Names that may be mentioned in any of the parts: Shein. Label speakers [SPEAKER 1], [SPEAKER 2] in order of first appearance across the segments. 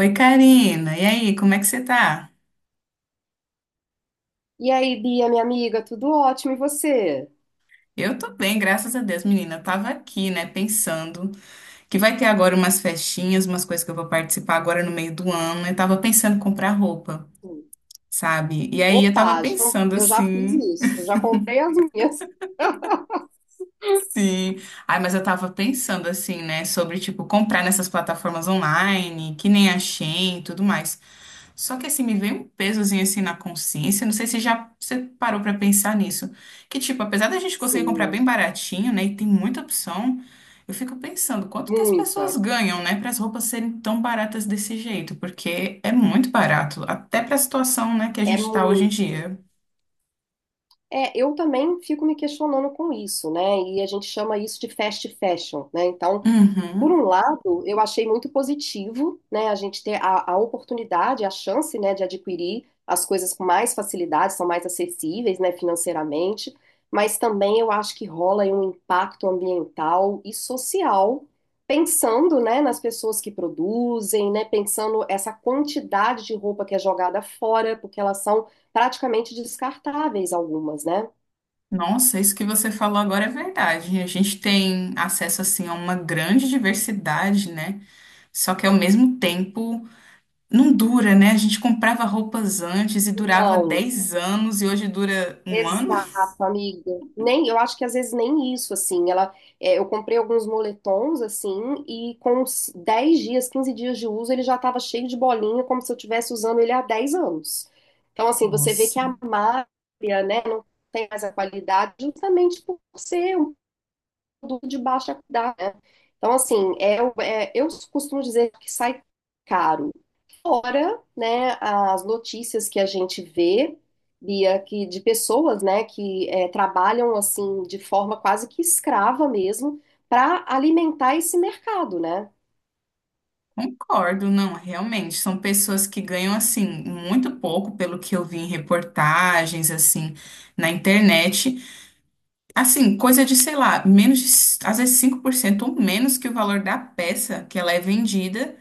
[SPEAKER 1] Oi, Karina. E aí, como é que você tá?
[SPEAKER 2] E aí, Bia, minha amiga, tudo ótimo, e você?
[SPEAKER 1] Eu tô bem, graças a Deus, menina. Eu tava aqui, né, pensando que vai ter agora umas festinhas, umas coisas que eu vou participar agora no meio do ano. Eu tava pensando em comprar roupa,
[SPEAKER 2] Sim.
[SPEAKER 1] sabe? E aí eu tava
[SPEAKER 2] Opa, já-
[SPEAKER 1] pensando
[SPEAKER 2] eu já fiz
[SPEAKER 1] assim,
[SPEAKER 2] isso, eu já comprei as minhas.
[SPEAKER 1] sim. Ai, mas eu tava pensando assim, né, sobre tipo comprar nessas plataformas online, que nem a Shein e tudo mais. Só que assim, me veio um pesozinho assim na consciência. Não sei se já você parou pra pensar nisso. Que tipo, apesar da gente conseguir comprar
[SPEAKER 2] Sim,
[SPEAKER 1] bem baratinho, né? E tem muita opção, eu fico pensando quanto que as pessoas
[SPEAKER 2] muita,
[SPEAKER 1] ganham, né? Para as roupas serem tão baratas desse jeito. Porque é muito barato, até pra situação, né, que a
[SPEAKER 2] é
[SPEAKER 1] gente tá hoje em
[SPEAKER 2] muito.
[SPEAKER 1] dia.
[SPEAKER 2] É, eu também fico me questionando com isso, né? E a gente chama isso de fast fashion, né? Então, por um
[SPEAKER 1] Uhum.
[SPEAKER 2] lado, eu achei muito positivo, né, a gente ter a oportunidade, a chance, né, de adquirir as coisas com mais facilidade, são mais acessíveis, né, financeiramente, mas também eu acho que rola aí um impacto ambiental e social, pensando, né, nas pessoas que produzem, né, pensando essa quantidade de roupa que é jogada fora, porque elas são praticamente descartáveis algumas, né?
[SPEAKER 1] Nossa, isso que você falou agora é verdade. A gente tem acesso assim a uma grande diversidade, né? Só que ao mesmo tempo. Não dura, né? A gente comprava roupas antes e durava
[SPEAKER 2] Não.
[SPEAKER 1] 10 anos e hoje dura um ano?
[SPEAKER 2] Exato, amiga. Nem, eu acho que às vezes nem isso, assim. Ela, eu comprei alguns moletons, assim, e com uns 10 dias, 15 dias de uso, ele já estava cheio de bolinha, como se eu estivesse usando ele há 10 anos. Então, assim, você vê que
[SPEAKER 1] Nossa,
[SPEAKER 2] a malha, né, não tem mais a qualidade, justamente por ser um produto de baixa qualidade, né? Então, assim, eu costumo dizer que sai caro. Fora, né, as notícias que a gente vê, Bia, que de pessoas, né, que trabalham assim de forma quase que escrava mesmo para alimentar esse mercado, né?
[SPEAKER 1] concordo, não, realmente. São pessoas que ganham, assim, muito pouco, pelo que eu vi em reportagens, assim, na internet. Assim, coisa de, sei lá, menos de, às vezes 5% ou menos que o valor da peça que ela é vendida.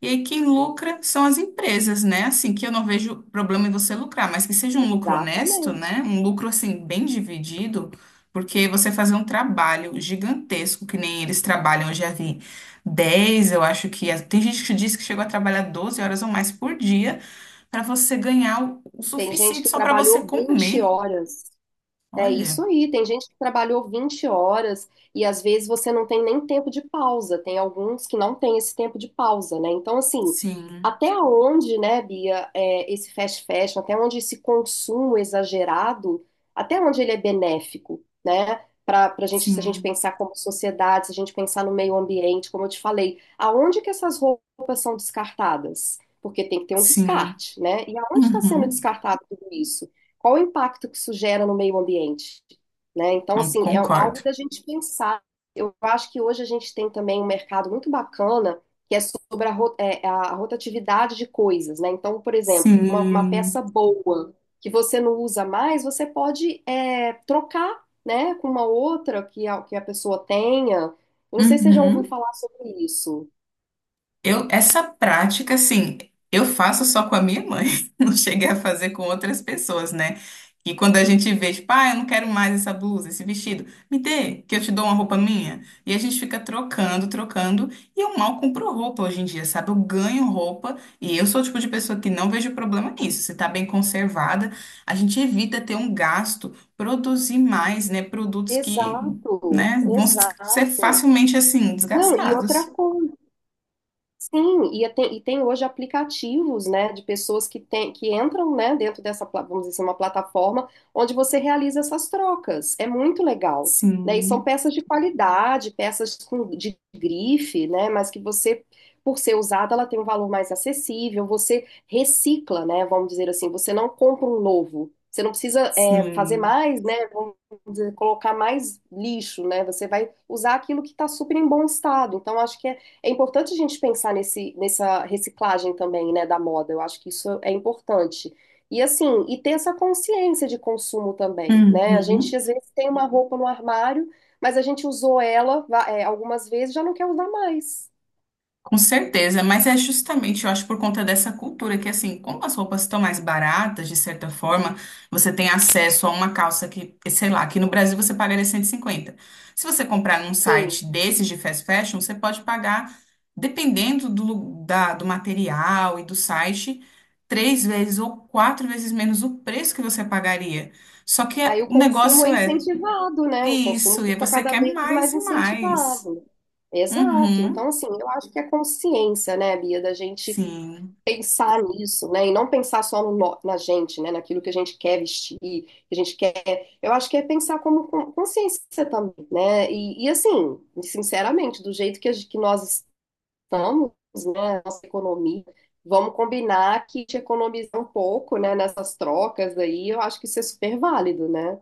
[SPEAKER 1] E aí quem lucra são as empresas, né? Assim, que eu não vejo problema em você lucrar, mas que seja um lucro honesto,
[SPEAKER 2] Exatamente.
[SPEAKER 1] né? Um lucro, assim, bem dividido, porque você fazer um trabalho gigantesco, que nem eles trabalham, eu já vi 10 eu acho que... Tem gente que diz que chegou a trabalhar 12 horas ou mais por dia para você ganhar o
[SPEAKER 2] Tem gente
[SPEAKER 1] suficiente
[SPEAKER 2] que
[SPEAKER 1] só para você
[SPEAKER 2] trabalhou 20
[SPEAKER 1] comer.
[SPEAKER 2] horas. É isso
[SPEAKER 1] Olha,
[SPEAKER 2] aí. Tem gente que trabalhou 20 horas e às vezes você não tem nem tempo de pausa. Tem alguns que não têm esse tempo de pausa, né? Então, assim,
[SPEAKER 1] sim,
[SPEAKER 2] até onde, né, Bia, esse fast fashion, até onde esse consumo exagerado, até onde ele é benéfico, né? Para gente, se a gente
[SPEAKER 1] sim,
[SPEAKER 2] pensar como sociedade, se a gente pensar no meio ambiente, como eu te falei, aonde que essas roupas são descartadas? Porque tem que ter um
[SPEAKER 1] sim,
[SPEAKER 2] descarte, né? E aonde está sendo
[SPEAKER 1] uhum,
[SPEAKER 2] descartado tudo isso? Qual o impacto que isso gera no meio ambiente? Né? Então,
[SPEAKER 1] não
[SPEAKER 2] assim, é
[SPEAKER 1] concordo.
[SPEAKER 2] algo da gente pensar. Eu acho que hoje a gente tem também um mercado muito bacana que é sobre a rotatividade de coisas, né? Então, por exemplo, uma
[SPEAKER 1] Sim,
[SPEAKER 2] peça boa que você não usa mais, você pode trocar, né, com uma outra que a pessoa tenha. Eu não sei se você já ouviu
[SPEAKER 1] uhum.
[SPEAKER 2] falar sobre isso.
[SPEAKER 1] Eu, essa prática, assim, eu faço só com a minha mãe, não cheguei a fazer com outras pessoas, né? E quando a gente vê, tipo, ah, eu não quero mais essa blusa, esse vestido, me dê, que eu te dou uma roupa minha. E a gente fica trocando, trocando, e eu mal compro roupa hoje em dia, sabe? Eu ganho roupa, e eu sou o tipo de pessoa que não vejo problema nisso. Se tá bem conservada, a gente evita ter um gasto, produzir mais, né? Produtos que,
[SPEAKER 2] Exato,
[SPEAKER 1] né, vão ser
[SPEAKER 2] exato.
[SPEAKER 1] facilmente, assim,
[SPEAKER 2] Não, e outra
[SPEAKER 1] desgastados.
[SPEAKER 2] coisa. Sim, e tem hoje aplicativos, né, de pessoas que entram, né, dentro dessa vamos dizer assim, uma plataforma onde você realiza essas trocas. É muito legal, né? E são
[SPEAKER 1] Sim.
[SPEAKER 2] peças de qualidade, peças com, de grife, né, mas que você, por ser usada, ela tem um valor mais acessível. Você recicla, né, vamos dizer assim, você não compra um novo. Você não precisa, fazer
[SPEAKER 1] Sim.
[SPEAKER 2] mais, né, vamos dizer, colocar mais lixo, né? Você vai usar aquilo que está super em bom estado. Então, acho que é importante a gente pensar nessa reciclagem também, né, da moda. Eu acho que isso é importante. E assim, e ter essa consciência de consumo também, né? A gente
[SPEAKER 1] Uhum.
[SPEAKER 2] às vezes tem uma roupa no armário, mas a gente usou ela, algumas vezes, e já não quer usar mais.
[SPEAKER 1] Com certeza, mas é justamente, eu acho, por conta dessa cultura que, assim, como as roupas estão mais baratas, de certa forma, você tem acesso a uma calça que, sei lá, aqui no Brasil você pagaria 150. Se você comprar num
[SPEAKER 2] Sim.
[SPEAKER 1] site desses de fast fashion, você pode pagar, dependendo do, lu- da, do material e do site, três vezes ou quatro vezes menos o preço que você pagaria. Só que é-
[SPEAKER 2] Aí o
[SPEAKER 1] o
[SPEAKER 2] consumo
[SPEAKER 1] negócio
[SPEAKER 2] é
[SPEAKER 1] é
[SPEAKER 2] incentivado, né? O consumo
[SPEAKER 1] isso, e aí
[SPEAKER 2] fica
[SPEAKER 1] você
[SPEAKER 2] cada
[SPEAKER 1] quer
[SPEAKER 2] vez
[SPEAKER 1] mais
[SPEAKER 2] mais
[SPEAKER 1] e mais.
[SPEAKER 2] incentivado. Exato.
[SPEAKER 1] Uhum.
[SPEAKER 2] Então, assim, eu acho que é consciência, né, Bia, da gente
[SPEAKER 1] Sim,
[SPEAKER 2] pensar nisso, né? E não pensar só no nó- na gente, né? Naquilo que a gente quer vestir, que a gente quer. Eu acho que é pensar como consciência também, né? E, assim, sinceramente, do jeito que, que nós estamos, né? Nossa economia, vamos combinar que te economizar um pouco, né? Nessas trocas aí, eu acho que isso é super válido, né?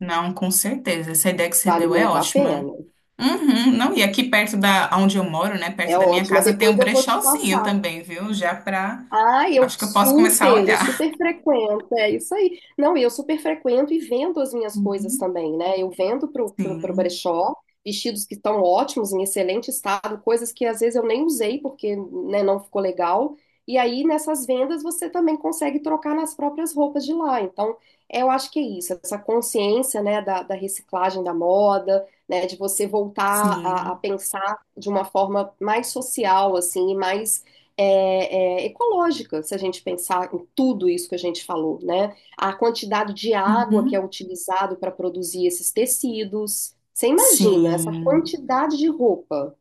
[SPEAKER 1] não, com certeza. Essa ideia que você
[SPEAKER 2] Vale
[SPEAKER 1] deu é
[SPEAKER 2] muito a
[SPEAKER 1] ótima.
[SPEAKER 2] pena.
[SPEAKER 1] Uhum, não, e aqui perto da onde eu moro, né, perto
[SPEAKER 2] É
[SPEAKER 1] da minha
[SPEAKER 2] ótimo.
[SPEAKER 1] casa, tem um
[SPEAKER 2] Depois eu vou te
[SPEAKER 1] brechózinho
[SPEAKER 2] passar.
[SPEAKER 1] também, viu? Já pra.
[SPEAKER 2] Ah,
[SPEAKER 1] Acho que eu posso começar a
[SPEAKER 2] eu
[SPEAKER 1] olhar.
[SPEAKER 2] super frequento, é isso aí. Não, e eu super frequento e vendo as minhas coisas
[SPEAKER 1] Uhum.
[SPEAKER 2] também, né? Eu vendo pro
[SPEAKER 1] Sim,
[SPEAKER 2] brechó vestidos que estão ótimos, em excelente estado, coisas que às vezes eu nem usei porque, né, não ficou legal. E aí nessas vendas você também consegue trocar nas próprias roupas de lá. Então, eu acho que é isso, essa consciência, né, da reciclagem da moda, né, de você voltar a
[SPEAKER 1] sim.
[SPEAKER 2] pensar de uma forma mais social, assim, e mais ecológica, se a gente pensar em tudo isso que a gente falou, né? A quantidade de água que é
[SPEAKER 1] Uhum.
[SPEAKER 2] utilizado para produzir esses tecidos. Você imagina essa
[SPEAKER 1] Sim.
[SPEAKER 2] quantidade de roupa?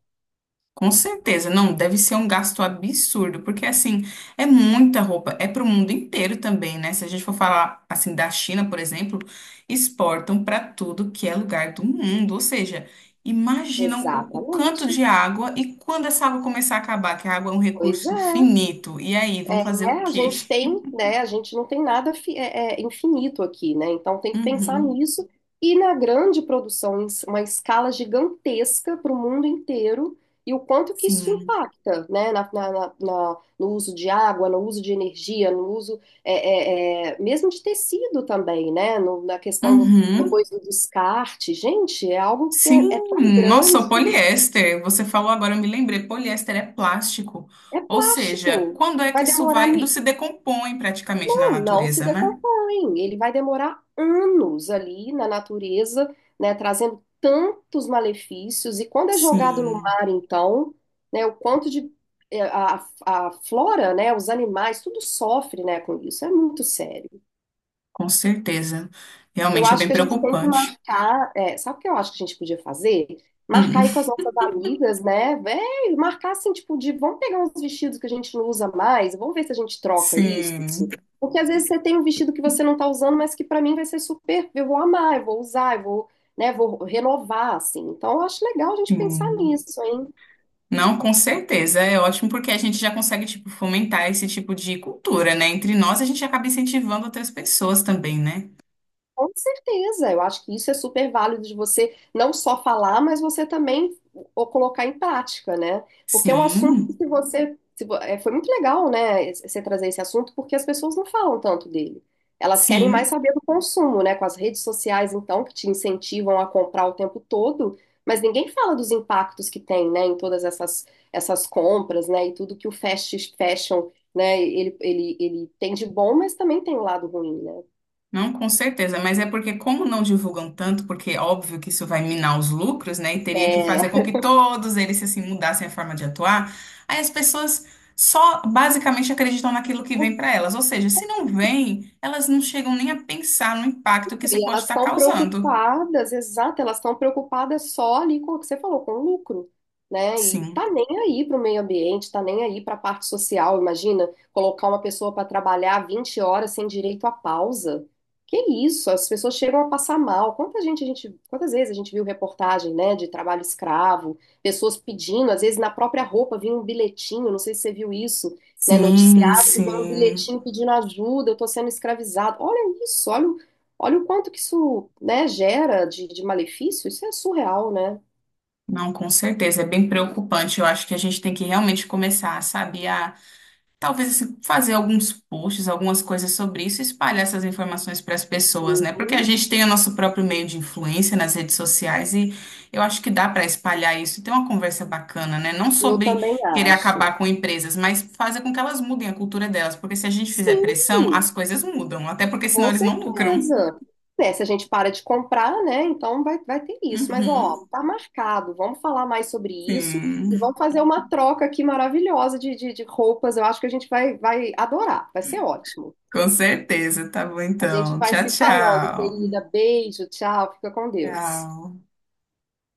[SPEAKER 1] Com certeza, não, deve ser um gasto absurdo, porque assim, é muita roupa, é para o mundo inteiro também, né? Se a gente for falar assim da China, por exemplo, exportam para tudo que é lugar do mundo, ou seja, imaginam o canto
[SPEAKER 2] Exatamente.
[SPEAKER 1] de água e quando essa água começar a acabar, que a água é um
[SPEAKER 2] Pois
[SPEAKER 1] recurso
[SPEAKER 2] é.
[SPEAKER 1] finito, e aí, vão fazer o
[SPEAKER 2] É, a
[SPEAKER 1] quê?
[SPEAKER 2] gente tem, né? A gente não tem nada infinito aqui, né? Então tem que pensar
[SPEAKER 1] Uhum,
[SPEAKER 2] nisso e na grande produção, uma escala gigantesca para o mundo inteiro e o quanto que isso
[SPEAKER 1] sim.
[SPEAKER 2] impacta, né? No uso de água, no uso de energia, no uso mesmo de tecido também, né? Na questão
[SPEAKER 1] Uhum.
[SPEAKER 2] depois do descarte, gente, é algo que é
[SPEAKER 1] Sim,
[SPEAKER 2] é tão
[SPEAKER 1] nossa, o
[SPEAKER 2] grande,
[SPEAKER 1] poliéster. Você falou agora, eu me lembrei, poliéster é plástico.
[SPEAKER 2] é
[SPEAKER 1] Ou seja,
[SPEAKER 2] plástico.
[SPEAKER 1] quando é que
[SPEAKER 2] Vai
[SPEAKER 1] isso
[SPEAKER 2] demorar
[SPEAKER 1] vai. Não
[SPEAKER 2] mi-
[SPEAKER 1] se decompõe praticamente na
[SPEAKER 2] Não, não se
[SPEAKER 1] natureza, né?
[SPEAKER 2] decompõe. Ele vai demorar anos ali na natureza, né, trazendo tantos malefícios. E quando é jogado no
[SPEAKER 1] Sim,
[SPEAKER 2] mar, então, né, o quanto de a flora, né, os animais, tudo sofre, né, com isso. É muito sério.
[SPEAKER 1] com certeza.
[SPEAKER 2] Eu
[SPEAKER 1] Realmente é
[SPEAKER 2] acho
[SPEAKER 1] bem
[SPEAKER 2] que a gente tem que
[SPEAKER 1] preocupante.
[SPEAKER 2] marcar. Sabe o que eu acho que a gente podia fazer? Marcar aí
[SPEAKER 1] Hum,
[SPEAKER 2] com as nossas amigas, né? Véi, marcar assim, tipo, de vamos pegar uns vestidos que a gente não usa mais, vamos ver se a gente troca isso.
[SPEAKER 1] sim.
[SPEAKER 2] Porque às vezes você tem um vestido que você não tá usando, mas que pra mim vai ser super. Eu vou amar, eu vou usar, vou renovar, assim. Então eu acho legal a gente pensar
[SPEAKER 1] Hum.
[SPEAKER 2] nisso, hein?
[SPEAKER 1] Não, com certeza. É ótimo porque a gente já consegue, tipo, fomentar esse tipo de cultura, né? Entre nós, a gente acaba incentivando outras pessoas também, né?
[SPEAKER 2] Com certeza, eu acho que isso é super válido de você não só falar, mas você também o colocar em prática, né? Porque é um assunto que
[SPEAKER 1] Sim,
[SPEAKER 2] se você, se vo- é, foi muito legal, né, você trazer esse assunto, porque as pessoas não falam tanto dele. Elas querem mais
[SPEAKER 1] sim.
[SPEAKER 2] saber do consumo, né? Com as redes sociais, então, que te incentivam a comprar o tempo todo, mas ninguém fala dos impactos que tem, né, em essas compras, né, e tudo que o fast fashion, né, ele tem de bom, mas também tem o lado ruim, né?
[SPEAKER 1] Não, com certeza, mas é porque como não divulgam tanto, porque é óbvio que isso vai minar os lucros, né? E teria que fazer com
[SPEAKER 2] É.
[SPEAKER 1] que todos eles se assim mudassem a forma de atuar. Aí as pessoas só basicamente acreditam naquilo que vem para elas, ou seja, se não vem, elas não chegam nem a pensar no impacto que isso
[SPEAKER 2] E
[SPEAKER 1] pode
[SPEAKER 2] elas
[SPEAKER 1] estar
[SPEAKER 2] estão
[SPEAKER 1] causando.
[SPEAKER 2] preocupadas, exato, elas estão preocupadas só ali com o que você falou, com o lucro, né? E
[SPEAKER 1] Sim.
[SPEAKER 2] tá nem aí para o meio ambiente, tá nem aí para a parte social. Imagina colocar uma pessoa para trabalhar 20 horas sem direito à pausa. Que isso? As pessoas chegam a passar mal. Quantas vezes a gente viu reportagem, né, de trabalho escravo, pessoas pedindo, às vezes na própria roupa vinha um bilhetinho, não sei se você viu isso, né,
[SPEAKER 1] Sim,
[SPEAKER 2] noticiado que vem um
[SPEAKER 1] sim.
[SPEAKER 2] bilhetinho pedindo ajuda, eu tô sendo escravizado. Olha isso, olha. Olha o quanto que isso, né, gera de malefício, isso é surreal, né?
[SPEAKER 1] Não, com certeza, é bem preocupante. Eu acho que a gente tem que realmente começar, sabe, talvez assim, fazer alguns posts, algumas coisas sobre isso, e espalhar essas informações para as pessoas, né? Porque a
[SPEAKER 2] Sim,
[SPEAKER 1] gente tem o nosso próprio meio de influência nas redes sociais e eu acho que dá para espalhar isso, e ter uma conversa bacana, né? Não
[SPEAKER 2] eu
[SPEAKER 1] sobre
[SPEAKER 2] também
[SPEAKER 1] querer
[SPEAKER 2] acho.
[SPEAKER 1] acabar com empresas, mas fazer com que elas mudem a cultura delas, porque se a gente fizer
[SPEAKER 2] Sim,
[SPEAKER 1] pressão, as coisas mudam, até porque senão
[SPEAKER 2] com
[SPEAKER 1] eles não lucram.
[SPEAKER 2] certeza. É, se a gente para de comprar, né? Então vai, vai ter isso. Mas, ó,
[SPEAKER 1] Uhum,
[SPEAKER 2] tá marcado. Vamos falar mais sobre isso e
[SPEAKER 1] sim,
[SPEAKER 2] vamos fazer uma troca aqui maravilhosa de roupas. Eu acho que a gente vai, vai adorar. Vai ser ótimo.
[SPEAKER 1] com certeza. Tá bom
[SPEAKER 2] A gente
[SPEAKER 1] então.
[SPEAKER 2] vai
[SPEAKER 1] Tchau,
[SPEAKER 2] se falando,
[SPEAKER 1] tchau.
[SPEAKER 2] querida. Beijo, tchau. Fica com Deus.
[SPEAKER 1] Tchau.